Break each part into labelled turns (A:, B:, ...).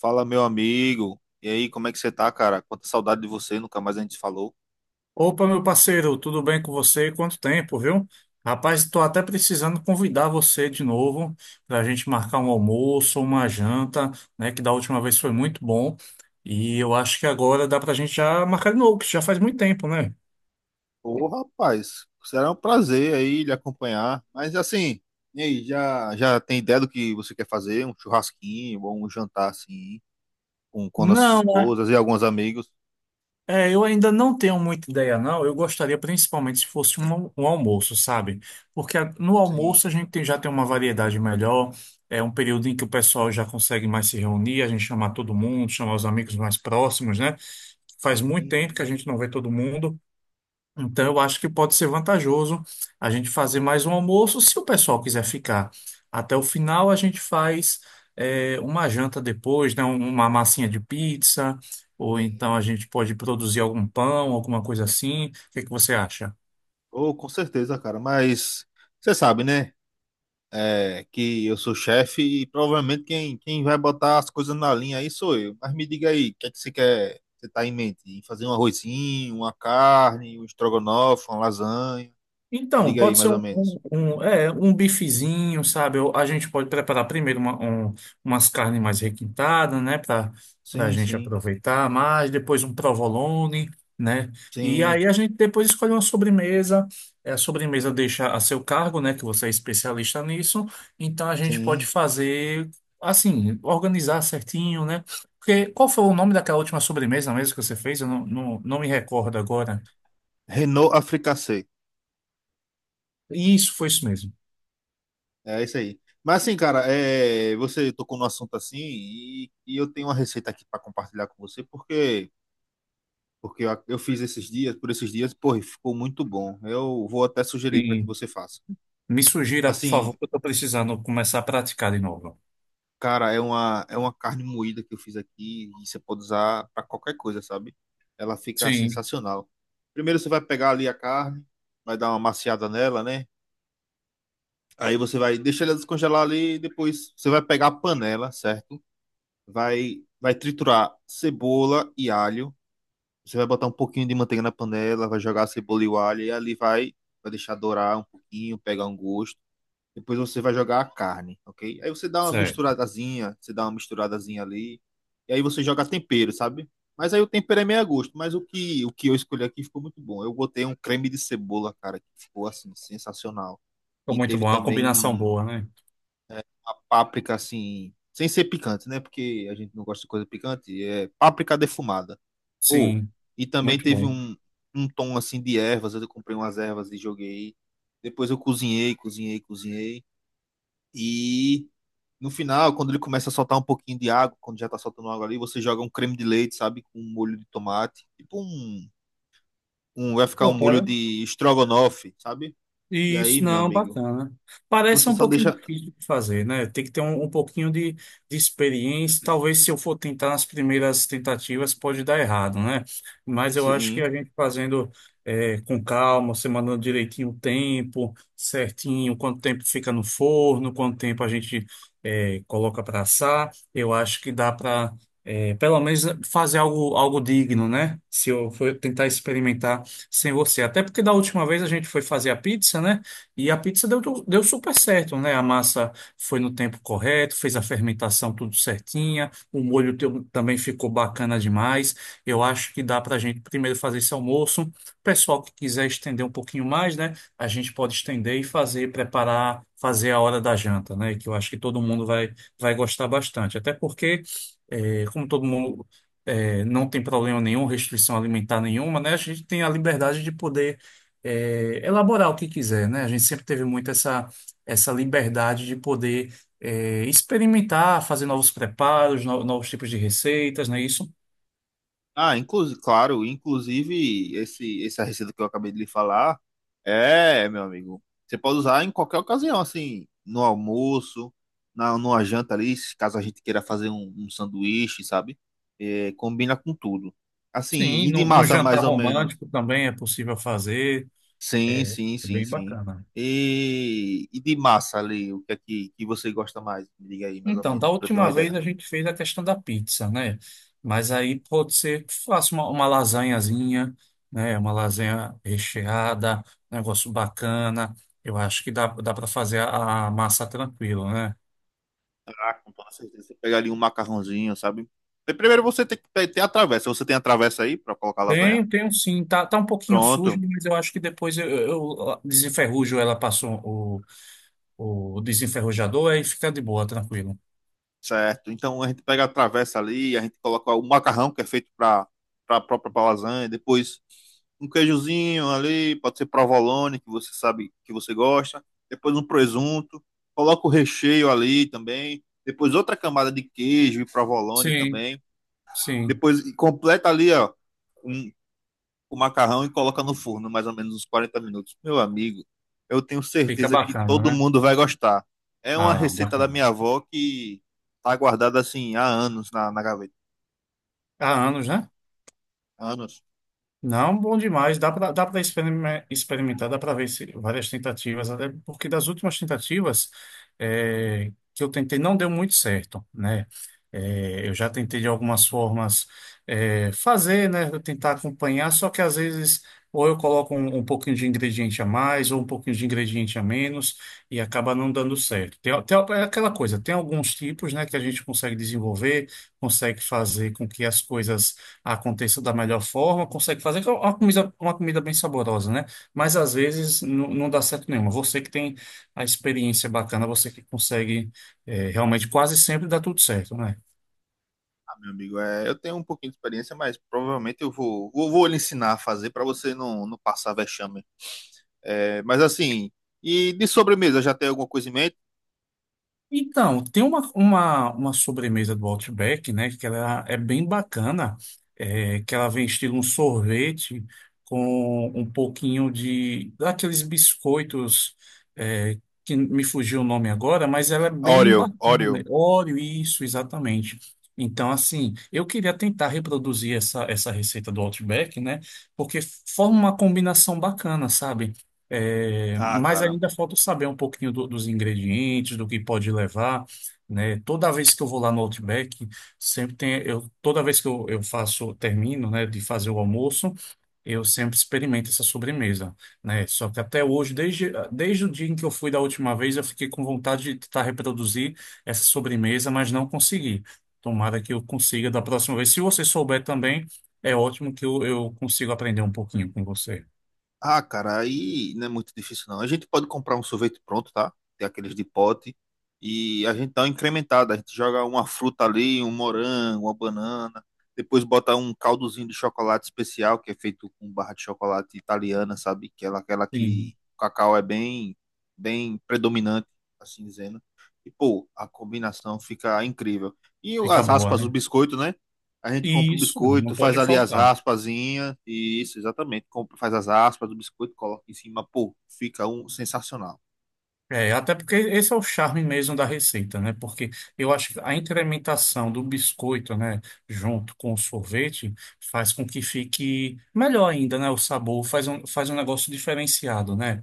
A: Fala, meu amigo. E aí, como é que você tá, cara? Quanta saudade de você, nunca mais a gente falou.
B: Opa, meu parceiro, tudo bem com você? Quanto tempo, viu? Rapaz, estou até precisando convidar você de novo para a gente marcar um almoço, uma janta, né? Que da última vez foi muito bom. E eu acho que agora dá para a gente já marcar de novo, que já faz muito tempo, né?
A: Ô, rapaz, será um prazer aí lhe acompanhar. Mas assim, e aí, já tem ideia do que você quer fazer? Um churrasquinho ou um jantar assim, com nossas
B: Não,
A: esposas e alguns amigos?
B: Eu ainda não tenho muita ideia, não. Eu gostaria principalmente se fosse um almoço, sabe? No
A: Sim,
B: almoço a gente já tem uma variedade melhor, é um período em que o pessoal já consegue mais se reunir, a gente chamar todo mundo, chamar os amigos mais próximos, né? Faz muito
A: tem
B: tempo que
A: sim,
B: a gente não vê todo mundo. Então, eu acho que pode ser vantajoso a gente fazer mais um almoço, se o pessoal quiser ficar até o final, a gente faz uma janta depois, né? Uma massinha de pizza, ou então
A: tem
B: a
A: sim.
B: gente pode produzir algum pão, alguma coisa assim. O que que você acha?
A: Ô, com certeza, cara. Mas você sabe, né? Que eu sou chefe e provavelmente quem vai botar as coisas na linha aí sou eu. Mas me diga aí, o que é que você quer, você tá em mente? Em fazer um arrozinho, uma carne, um estrogonofe, uma lasanha? Me
B: Então,
A: diga aí,
B: pode ser
A: mais ou menos.
B: um bifezinho, sabe? Ou a gente pode preparar primeiro umas carnes mais requintadas, né? Para a
A: Sim,
B: gente
A: sim,
B: aproveitar mais, depois um provolone, né? E
A: sim,
B: aí a gente depois escolhe uma sobremesa. A sobremesa deixa a seu cargo, né? Que você é especialista nisso. Então a gente pode
A: sim.
B: fazer assim, organizar certinho, né? Porque qual foi o nome daquela última sobremesa mesmo que você fez? Eu não me recordo agora.
A: Renault Africassé.
B: Isso, foi isso
A: É isso aí. Mas assim, cara, é, você tocou no assunto assim e eu tenho uma receita aqui para compartilhar com você, porque eu fiz esses dias, por esses dias, pô, e ficou muito bom. Eu vou até sugerir para que
B: mesmo.
A: você faça.
B: Me sugira, por
A: Assim,
B: favor, que eu estou precisando começar a praticar de novo.
A: cara, é é uma carne moída que eu fiz aqui e você pode usar para qualquer coisa, sabe? Ela fica
B: Sim,
A: sensacional. Primeiro você vai pegar ali a carne, vai dar uma maciada nela, né? Aí você vai deixar ela descongelar ali e depois você vai pegar a panela, certo? Vai triturar cebola e alho. Você vai botar um pouquinho de manteiga na panela, vai jogar a cebola e o alho e ali vai deixar dourar um pouquinho, pegar um gosto. Depois você vai jogar a carne, ok? Aí você dá uma
B: certo.
A: misturadazinha, você dá uma misturadazinha ali. E aí você joga tempero, sabe? Mas aí o tempero é meio a gosto. Mas o que eu escolhi aqui ficou muito bom. Eu botei um creme de cebola, cara, que ficou assim, sensacional.
B: Ficou
A: E
B: muito
A: teve
B: bom, é uma
A: também
B: combinação boa, né?
A: uma páprica assim, sem ser picante, né? Porque a gente não gosta de coisa picante. É páprica defumada. Pô,
B: Sim,
A: e também
B: muito
A: teve
B: bom.
A: um tom assim de ervas. Eu comprei umas ervas e joguei. Depois eu cozinhei, cozinhei, cozinhei. E no final, quando ele começa a soltar um pouquinho de água, quando já tá soltando água ali, você joga um creme de leite, sabe? Com um molho de tomate. Tipo um vai ficar um
B: Pô,
A: molho
B: cara,
A: de estrogonofe, sabe? E aí,
B: isso,
A: meu
B: não,
A: amigo,
B: bacana. Parece
A: você
B: um
A: só
B: pouquinho
A: deixa.
B: difícil de fazer, né? Tem que ter um pouquinho de experiência. Talvez se eu for tentar nas primeiras tentativas, pode dar errado, né? Mas eu acho que
A: Sim.
B: a gente fazendo com calma, você mandando direitinho o tempo, certinho, quanto tempo fica no forno, quanto tempo a gente coloca para assar, eu acho que dá para, pelo menos, fazer algo, algo digno, né? Se eu for tentar experimentar sem você. Até porque da última vez a gente foi fazer a pizza, né? E a pizza deu super certo, né? A massa foi no tempo correto, fez a fermentação tudo certinha, o molho também ficou bacana demais. Eu acho que dá para a gente primeiro fazer esse almoço. O pessoal que quiser estender um pouquinho mais, né? A gente pode estender e fazer, preparar, fazer a hora da janta, né? Que eu acho que todo mundo vai gostar bastante. Até porque. É, como todo mundo não tem problema nenhum, restrição alimentar nenhuma, né? A gente tem a liberdade de poder elaborar o que quiser, né? A gente sempre teve muito essa liberdade de poder experimentar, fazer novos preparos, novos tipos de receitas, não é isso?
A: Ah, inclusive, claro, inclusive esse essa receita que eu acabei de lhe falar, meu amigo, você pode usar em qualquer ocasião, assim, no almoço, na numa janta ali, se caso a gente queira fazer um sanduíche, sabe? É, combina com tudo. Assim,
B: Sim,
A: e de
B: num
A: massa mais
B: jantar
A: ou menos.
B: romântico também é possível fazer,
A: Sim,
B: é,
A: sim,
B: é
A: sim,
B: bem
A: sim.
B: bacana.
A: E de massa ali, o que é que você gosta mais? Me diga aí mais ou
B: Então, da
A: menos, para eu ter uma
B: última vez
A: ideia.
B: a gente fez a questão da pizza, né? Mas aí pode ser que faça uma lasanhazinha, né? Uma lasanha recheada, um negócio bacana. Eu acho que dá para fazer a massa tranquilo, né?
A: Ah, com toda certeza. Você pega ali um macarrãozinho, sabe? E primeiro você tem que ter a travessa. Você tem a travessa aí pra colocar a lasanha?
B: Tenho, tenho sim. Tá um pouquinho sujo,
A: Pronto,
B: mas eu acho que depois eu desenferrujo ela, passou o desenferrujador, aí fica de boa, tranquilo.
A: certo. Então a gente pega a travessa ali, a gente coloca o macarrão que é feito pra para própria pra lasanha, depois um queijozinho ali, pode ser provolone, que você sabe que você gosta, depois um presunto, coloca o recheio ali também, depois outra camada de queijo e provolone
B: Sim,
A: também,
B: sim.
A: depois e completa ali, ó, um, o macarrão e coloca no forno mais ou menos uns 40 minutos. Meu amigo, eu tenho
B: Fica
A: certeza que
B: bacana,
A: todo
B: né?
A: mundo vai gostar. É uma
B: Ah, não,
A: receita da
B: bacana.
A: minha avó que tá guardada assim há anos na gaveta.
B: Há anos, né?
A: Anos,
B: Não, bom demais. Dá para experimentar, dá para ver várias tentativas, até porque das últimas tentativas que eu tentei não deu muito certo, né? Eu já tentei de algumas formas fazer, né? Tentar acompanhar, só que às vezes ou eu coloco um pouquinho de ingrediente a mais ou um pouquinho de ingrediente a menos e acaba não dando certo. Tem é aquela coisa, tem alguns tipos, né, que a gente consegue desenvolver, consegue fazer com que as coisas aconteça da melhor forma, consegue fazer que é uma comida bem saborosa, né? Mas às vezes não dá certo nenhuma. Você que tem a experiência bacana, você que consegue realmente quase sempre dá tudo certo, né?
A: ah, meu amigo. É, eu tenho um pouquinho de experiência, mas provavelmente eu vou lhe ensinar a fazer para você não passar vexame. É, mas assim, e de sobremesa, já tem alguma coisa em mente?
B: Então, tem uma sobremesa do Outback, né? Que ela é bem bacana, que ela vem estilo um sorvete com um pouquinho de daqueles biscoitos é, que me fugiu o nome agora, mas ela é bem
A: Oreo,
B: bacana, né?
A: Oreo.
B: Oreo, isso, exatamente. Então, assim, eu queria tentar reproduzir essa receita do Outback, né? Porque forma uma combinação bacana, sabe? É,
A: Ah,
B: mas
A: cara,
B: ainda falta saber um pouquinho dos ingredientes, do que pode levar, né? Toda vez que eu vou lá no Outback, sempre tem, eu, toda vez que eu faço, termino, né, de fazer o almoço, eu sempre experimento essa sobremesa, né? Só que até hoje, desde o dia em que eu fui da última vez, eu fiquei com vontade de tentar reproduzir essa sobremesa, mas não consegui. Tomara que eu consiga da próxima vez. Se você souber também, é ótimo que eu consigo aprender um pouquinho com você.
A: Ah, cara, aí não é muito difícil não. A gente pode comprar um sorvete pronto, tá? Tem aqueles de pote. E a gente dá uma incrementada. A gente joga uma fruta ali, um morango, uma banana. Depois bota um caldozinho de chocolate especial, que é feito com barra de chocolate italiana, sabe? Que é aquela
B: Sim,
A: que o cacau é bem, bem predominante, assim dizendo. E, pô, a combinação fica incrível. E
B: fica
A: as
B: boa,
A: raspas do
B: né?
A: biscoito, né? A gente compra
B: e
A: o
B: isso,
A: biscoito,
B: não
A: faz
B: pode
A: ali as
B: faltar.
A: raspazinhas. Isso, exatamente. Compra, faz as raspas do biscoito, coloca em cima. Pô, fica um sensacional.
B: É, até porque esse é o charme mesmo da receita, né? Porque eu acho que a incrementação do biscoito, né, junto com o sorvete, faz com que fique melhor ainda, né? O sabor faz faz um negócio diferenciado, né?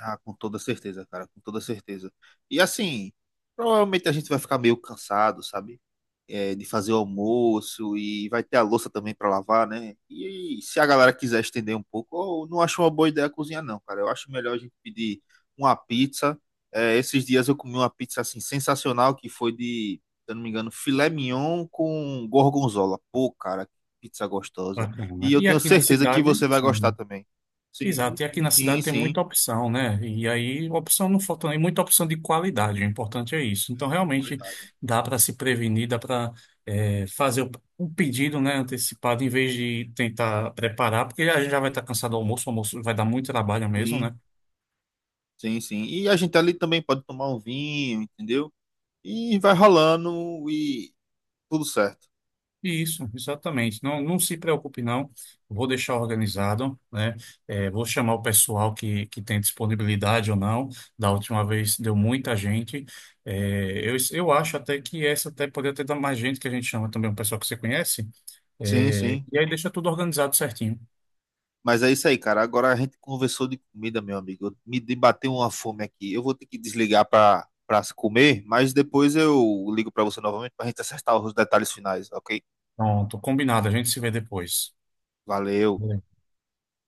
A: Ah, com toda certeza, cara, com toda certeza. E assim, provavelmente a gente vai ficar meio cansado, sabe? É, de fazer o almoço e vai ter a louça também pra lavar, né? E se a galera quiser estender um pouco, eu não acho uma boa ideia cozinhar, não, cara. Eu acho melhor a gente pedir uma pizza. É, esses dias eu comi uma pizza assim sensacional que foi de, se eu não me engano, filé mignon com gorgonzola. Pô, cara, que pizza gostosa.
B: Bacana.
A: E eu
B: E
A: tenho
B: aqui na
A: certeza que
B: cidade,
A: você vai gostar
B: sim.
A: também. Sim,
B: Exato, e aqui
A: sim,
B: na cidade
A: sim.
B: tem
A: Sim.
B: muita opção, né? E aí, opção não falta, nem muita opção de qualidade, o importante é isso. Então, realmente,
A: Qualidade.
B: dá para se prevenir, dá para fazer o pedido, né, antecipado, em vez de tentar preparar, porque a gente já vai estar cansado do almoço, o almoço vai dar muito trabalho mesmo,
A: Sim,
B: né?
A: sim, sim. E a gente ali também pode tomar um vinho, entendeu? E vai rolando e tudo certo.
B: Isso, exatamente. Não, não se preocupe, não. Vou deixar organizado, né? É, vou chamar o pessoal que tem disponibilidade ou não. Da última vez deu muita gente. É, eu acho até que essa até poderia ter dado mais gente, que a gente chama também um pessoal que você conhece.
A: Sim,
B: É,
A: sim.
B: e aí deixa tudo organizado certinho.
A: Mas é isso aí, cara. Agora a gente conversou de comida, meu amigo. Bateu uma fome aqui. Eu vou ter que desligar para se comer, mas depois eu ligo para você novamente para a gente acertar os detalhes finais, ok?
B: Pronto, combinado. A gente se vê depois.
A: Valeu.